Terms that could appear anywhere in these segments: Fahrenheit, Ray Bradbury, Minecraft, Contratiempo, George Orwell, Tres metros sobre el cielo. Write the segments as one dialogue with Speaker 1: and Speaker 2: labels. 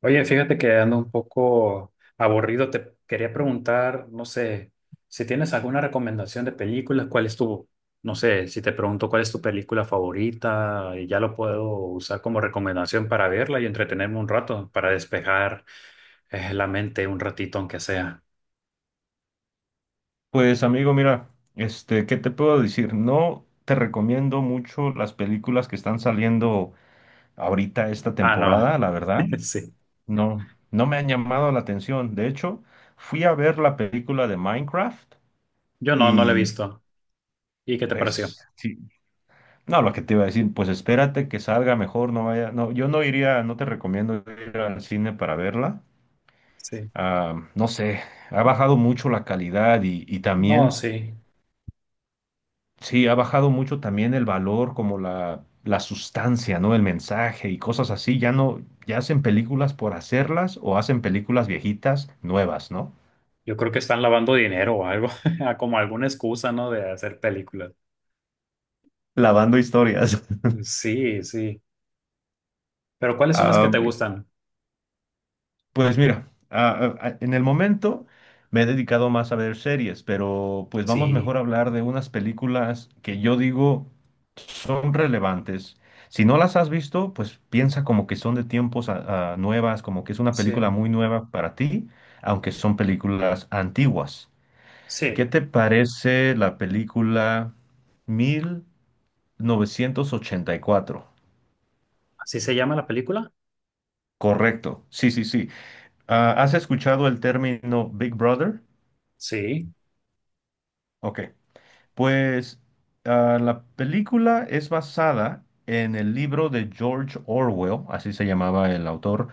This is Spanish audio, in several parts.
Speaker 1: Oye, fíjate que ando un poco aburrido. Te quería preguntar, no sé, si tienes alguna recomendación de películas, ¿cuál es tu, no sé, si te pregunto cuál es tu película favorita, y ya lo puedo usar como recomendación para verla y entretenerme un rato, para despejar la mente un ratito, aunque sea.
Speaker 2: Pues amigo, mira, ¿qué te puedo decir? No te recomiendo mucho las películas que están saliendo ahorita esta
Speaker 1: Ah, no.
Speaker 2: temporada, la verdad.
Speaker 1: Sí.
Speaker 2: No, no me han llamado la atención. De hecho, fui a ver la película de Minecraft
Speaker 1: Yo no, la he
Speaker 2: y
Speaker 1: visto. ¿Y qué te pareció?
Speaker 2: pues sí. No, lo que te iba a decir, pues espérate que salga mejor, no vaya, no, yo no iría, no te recomiendo ir al cine para verla.
Speaker 1: Sí.
Speaker 2: Ah, no sé, ha bajado mucho la calidad y
Speaker 1: No,
Speaker 2: también.
Speaker 1: sí.
Speaker 2: Sí, ha bajado mucho también el valor, como la sustancia, ¿no? El mensaje y cosas así. Ya no, ya hacen películas por hacerlas o hacen películas viejitas nuevas, ¿no?
Speaker 1: Yo creo que están lavando dinero o algo, como alguna excusa, ¿no? De hacer películas.
Speaker 2: Lavando historias.
Speaker 1: Sí, sí. Pero ¿cuáles son las que
Speaker 2: Ah,
Speaker 1: te gustan?
Speaker 2: Pues mira, en el momento me he dedicado más a ver series, pero pues vamos
Speaker 1: Sí,
Speaker 2: mejor a hablar de unas películas que yo digo son relevantes. Si no las has visto, pues piensa como que son de tiempos a nuevas, como que es una
Speaker 1: sí,
Speaker 2: película muy nueva para ti, aunque son películas antiguas. ¿Qué
Speaker 1: sí.
Speaker 2: te parece la película 1984?
Speaker 1: ¿Así se llama la película?
Speaker 2: Correcto, sí, sí, sí. Ah, ¿has escuchado el término Big Brother?
Speaker 1: Sí,
Speaker 2: Ok. Pues la película es basada en el libro de George Orwell, así se llamaba el autor.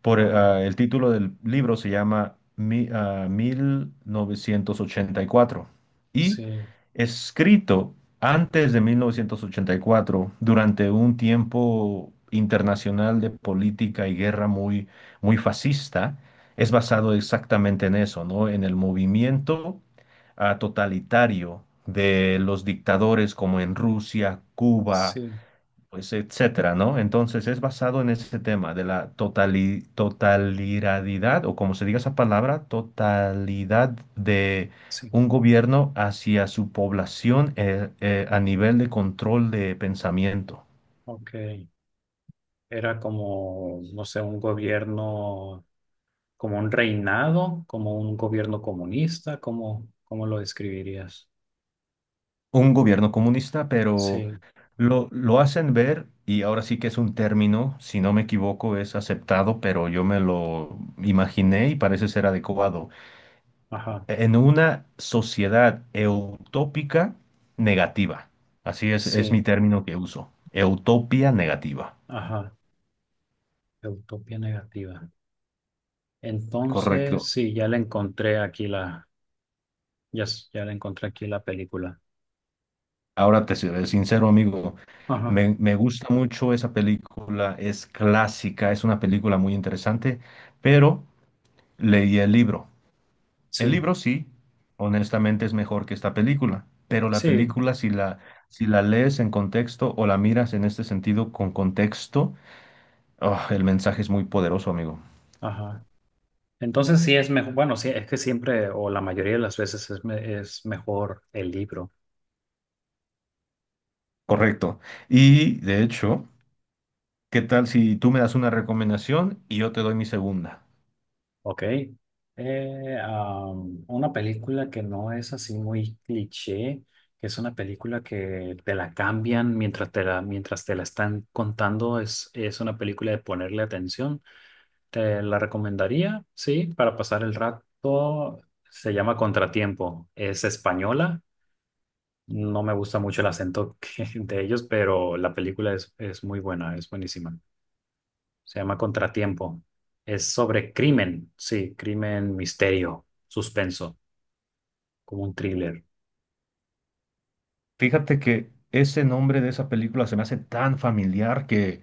Speaker 2: Por,
Speaker 1: ajá,
Speaker 2: el título del libro se llama 1984 y cuatro
Speaker 1: sí,
Speaker 2: y escrito antes de 1984, durante un tiempo internacional de política y guerra muy, muy fascista. Es basado exactamente en eso, ¿no? En el movimiento totalitario de los dictadores como en Rusia, Cuba,
Speaker 1: sí,
Speaker 2: pues etcétera, ¿no? Entonces es basado en ese tema de la totalidad, o como se diga esa palabra, totalidad de
Speaker 1: sí.
Speaker 2: un gobierno hacia su población, a nivel de control de pensamiento.
Speaker 1: Ok. Era como, no sé, un gobierno, como un reinado, como un gobierno comunista, ¿cómo lo describirías?
Speaker 2: Un gobierno comunista, pero
Speaker 1: Sí,
Speaker 2: lo hacen ver, y ahora sí que es un término, si no me equivoco, es aceptado, pero yo me lo imaginé y parece ser adecuado.
Speaker 1: ajá,
Speaker 2: En una sociedad eutópica negativa. Así es mi
Speaker 1: sí,
Speaker 2: término que uso. Utopía negativa.
Speaker 1: ajá. Utopía negativa. Entonces,
Speaker 2: Correcto.
Speaker 1: sí, ya le encontré aquí la, ya, ya le encontré aquí la película.
Speaker 2: Ahora te seré sincero, amigo.
Speaker 1: Ajá,
Speaker 2: Me gusta mucho esa película, es clásica, es una película muy interesante, pero leí el libro. El
Speaker 1: sí.
Speaker 2: libro sí, honestamente es mejor que esta película, pero la
Speaker 1: Sí,
Speaker 2: película si la lees en contexto o la miras en este sentido con contexto, oh, el mensaje es muy poderoso, amigo.
Speaker 1: ajá. Entonces sí es mejor, bueno, sí, es que siempre o la mayoría de las veces es, es mejor el libro.
Speaker 2: Correcto. Y de hecho, ¿qué tal si tú me das una recomendación y yo te doy mi segunda?
Speaker 1: ¿Ok? Una película que no es así muy cliché, que es una película que te la cambian mientras te la están contando, es una película de ponerle atención. Te la recomendaría, sí, para pasar el rato. Se llama Contratiempo, es española. No me gusta mucho el acento de ellos, pero la película es muy buena, es buenísima. Se llama Contratiempo. Es sobre crimen, sí, crimen, misterio, suspenso, como un thriller.
Speaker 2: Fíjate que ese nombre de esa película se me hace tan familiar, que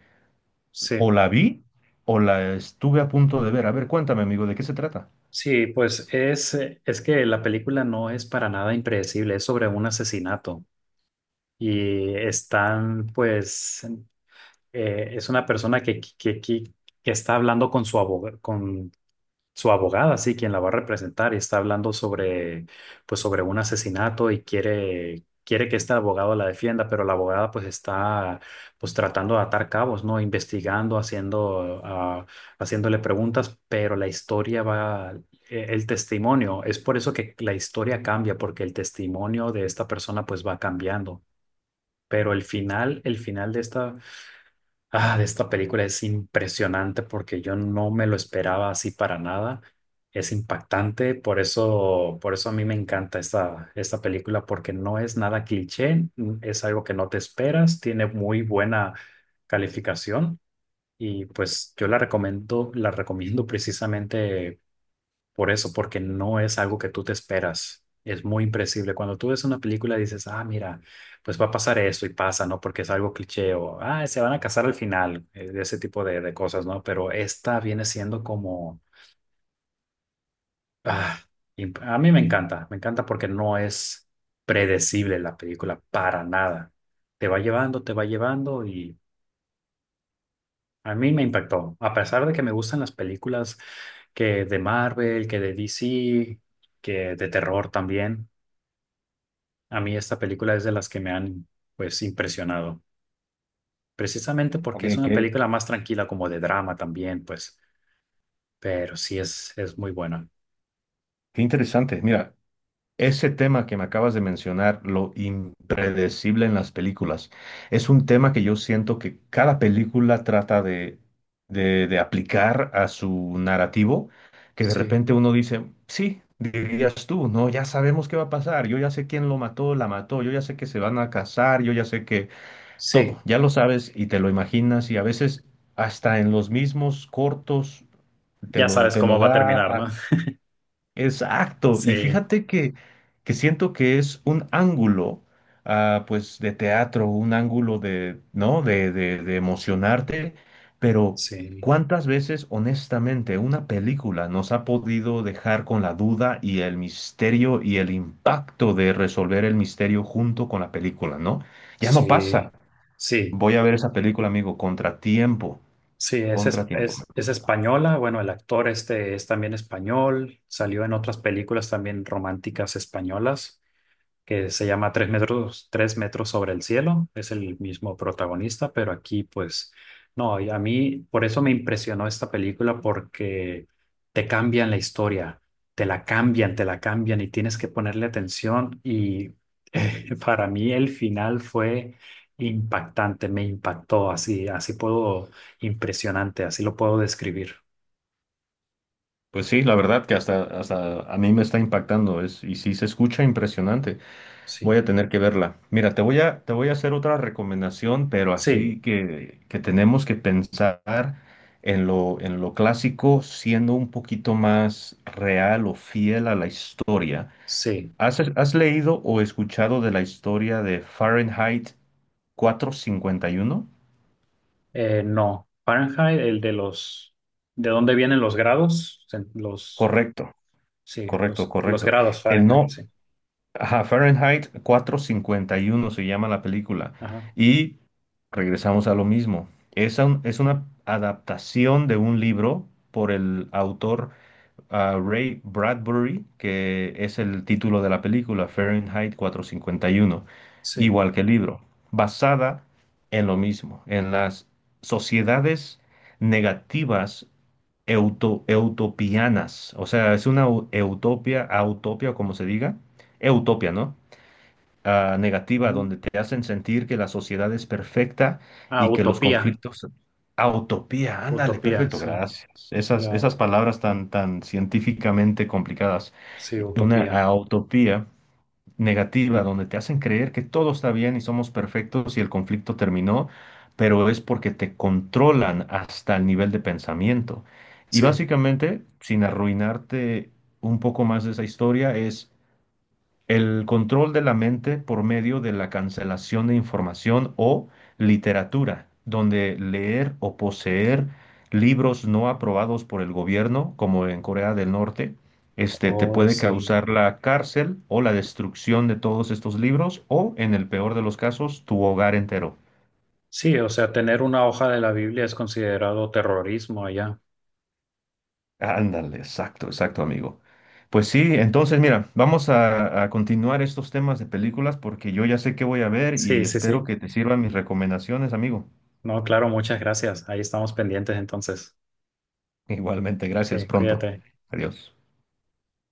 Speaker 2: o
Speaker 1: Sí,
Speaker 2: la vi o la estuve a punto de ver. A ver, cuéntame, amigo, ¿de qué se trata?
Speaker 1: sí, pues es que la película no es para nada impredecible, es sobre un asesinato y están, es una persona que está hablando con su abogado, con su abogada, sí, quien la va a representar y está hablando sobre, pues, sobre un asesinato y quiere, quiere que este abogado la defienda, pero la abogada, pues, está, pues, tratando de atar cabos, ¿no? Investigando, haciéndole preguntas, pero la historia va, el testimonio, es por eso que la historia cambia, porque el testimonio de esta persona, pues, va cambiando. Pero el final de esta, ah, de esta película es impresionante porque yo no me lo esperaba así para nada. Es impactante, por eso a mí me encanta esta película porque no es nada cliché, es algo que no te esperas, tiene muy buena calificación y pues yo la recomiendo precisamente por eso, porque no es algo que tú te esperas. Es muy impredecible. Cuando tú ves una película dices, ah, mira, pues va a pasar esto y pasa, ¿no? Porque es algo cliché o, ah, se van a casar al final, de ese tipo de cosas, ¿no? Pero esta viene siendo como, ah, a mí me encanta porque no es predecible la película para nada. Te va llevando y a mí me impactó. A pesar de que me gustan las películas que de Marvel, que de DC, que de terror también. A mí esta película es de las que me han, pues, impresionado. Precisamente
Speaker 2: Ok,
Speaker 1: porque es una
Speaker 2: qué,
Speaker 1: película más tranquila, como de drama también, pues. Pero sí es muy buena.
Speaker 2: qué interesante. Mira, ese tema que me acabas de mencionar, lo impredecible en las películas, es un tema que yo siento que cada película trata de aplicar a su narrativo, que de
Speaker 1: Sí,
Speaker 2: repente uno dice, sí, dirías tú, no, ya sabemos qué va a pasar, yo ya sé quién lo mató, la mató, yo ya sé que se van a casar, yo ya sé que todo,
Speaker 1: sí.
Speaker 2: ya lo sabes y te lo imaginas, y a veces hasta en los mismos cortos te
Speaker 1: Ya
Speaker 2: lo,
Speaker 1: sabes
Speaker 2: te lo
Speaker 1: cómo va a
Speaker 2: da.
Speaker 1: terminar, ¿no?
Speaker 2: Exacto, y
Speaker 1: Sí,
Speaker 2: fíjate que siento que es un ángulo, pues, de teatro, un ángulo de, ¿no? De emocionarte, pero
Speaker 1: sí,
Speaker 2: ¿cuántas veces, honestamente, una película nos ha podido dejar con la duda y el misterio y el impacto de resolver el misterio junto con la película, ¿no? Ya no pasa.
Speaker 1: sí, sí.
Speaker 2: Voy a ver esa película, amigo, Contratiempo.
Speaker 1: Sí,
Speaker 2: Contratiempo me
Speaker 1: es
Speaker 2: gusta.
Speaker 1: española. Bueno, el actor este es también español. Salió en otras películas también románticas españolas. Que se llama Tres metros sobre el cielo. Es el mismo protagonista, pero aquí pues no, y a mí por eso me impresionó esta película porque te cambian la historia, te la cambian y tienes que ponerle atención y para mí el final fue impactante, me impactó, así, así puedo, impresionante, así lo puedo describir.
Speaker 2: Pues sí, la verdad que hasta a mí me está impactando es, y sí se escucha impresionante. Voy
Speaker 1: Sí,
Speaker 2: a tener que verla. Mira, te voy a hacer otra recomendación, pero
Speaker 1: sí,
Speaker 2: así que tenemos que pensar en lo clásico, siendo un poquito más real o fiel a la historia.
Speaker 1: sí.
Speaker 2: ¿Has leído o escuchado de la historia de Fahrenheit 451?
Speaker 1: No, Fahrenheit, el de los, de dónde vienen los grados, los,
Speaker 2: Correcto,
Speaker 1: sí,
Speaker 2: correcto,
Speaker 1: los
Speaker 2: correcto.
Speaker 1: grados
Speaker 2: El
Speaker 1: Fahrenheit,
Speaker 2: no,
Speaker 1: sí.
Speaker 2: ajá, Fahrenheit 451 se llama la película.
Speaker 1: Ajá,
Speaker 2: Y regresamos a lo mismo. Es una adaptación de un libro por el autor, Ray Bradbury, que es el título de la película, Fahrenheit 451,
Speaker 1: sí.
Speaker 2: igual que el libro, basada en lo mismo, en las sociedades negativas eutopianas. O sea, es una utopia, como se diga. Utopia, ¿no? Negativa,
Speaker 1: Ujú.
Speaker 2: donde te hacen sentir que la sociedad es perfecta
Speaker 1: Ah,
Speaker 2: y que los
Speaker 1: Utopía,
Speaker 2: conflictos... Ah, utopía, ándale,
Speaker 1: Utopía,
Speaker 2: perfecto,
Speaker 1: sí.
Speaker 2: gracias. Esas,
Speaker 1: La-
Speaker 2: esas palabras tan, tan científicamente complicadas.
Speaker 1: sí,
Speaker 2: Una
Speaker 1: Utopía,
Speaker 2: utopía negativa, donde te hacen creer que todo está bien y somos perfectos y el conflicto terminó, pero es porque te controlan hasta el nivel de pensamiento. Y
Speaker 1: sí.
Speaker 2: básicamente, sin arruinarte un poco más de esa historia, es... El control de la mente por medio de la cancelación de información o literatura, donde leer o poseer libros no aprobados por el gobierno, como en Corea del Norte, te
Speaker 1: Oh,
Speaker 2: puede
Speaker 1: sí.
Speaker 2: causar la cárcel o la destrucción de todos estos libros o, en el peor de los casos, tu hogar entero.
Speaker 1: Sí, o sea, tener una hoja de la Biblia es considerado terrorismo allá.
Speaker 2: Ándale, exacto, exacto, amigo. Pues sí, entonces mira, vamos a continuar estos temas de películas, porque yo ya sé qué voy a ver y
Speaker 1: Sí, sí,
Speaker 2: espero
Speaker 1: sí.
Speaker 2: que te sirvan mis recomendaciones, amigo.
Speaker 1: No, claro, muchas gracias. Ahí estamos pendientes entonces.
Speaker 2: Igualmente, gracias.
Speaker 1: Sí,
Speaker 2: Pronto.
Speaker 1: cuídate.
Speaker 2: Adiós.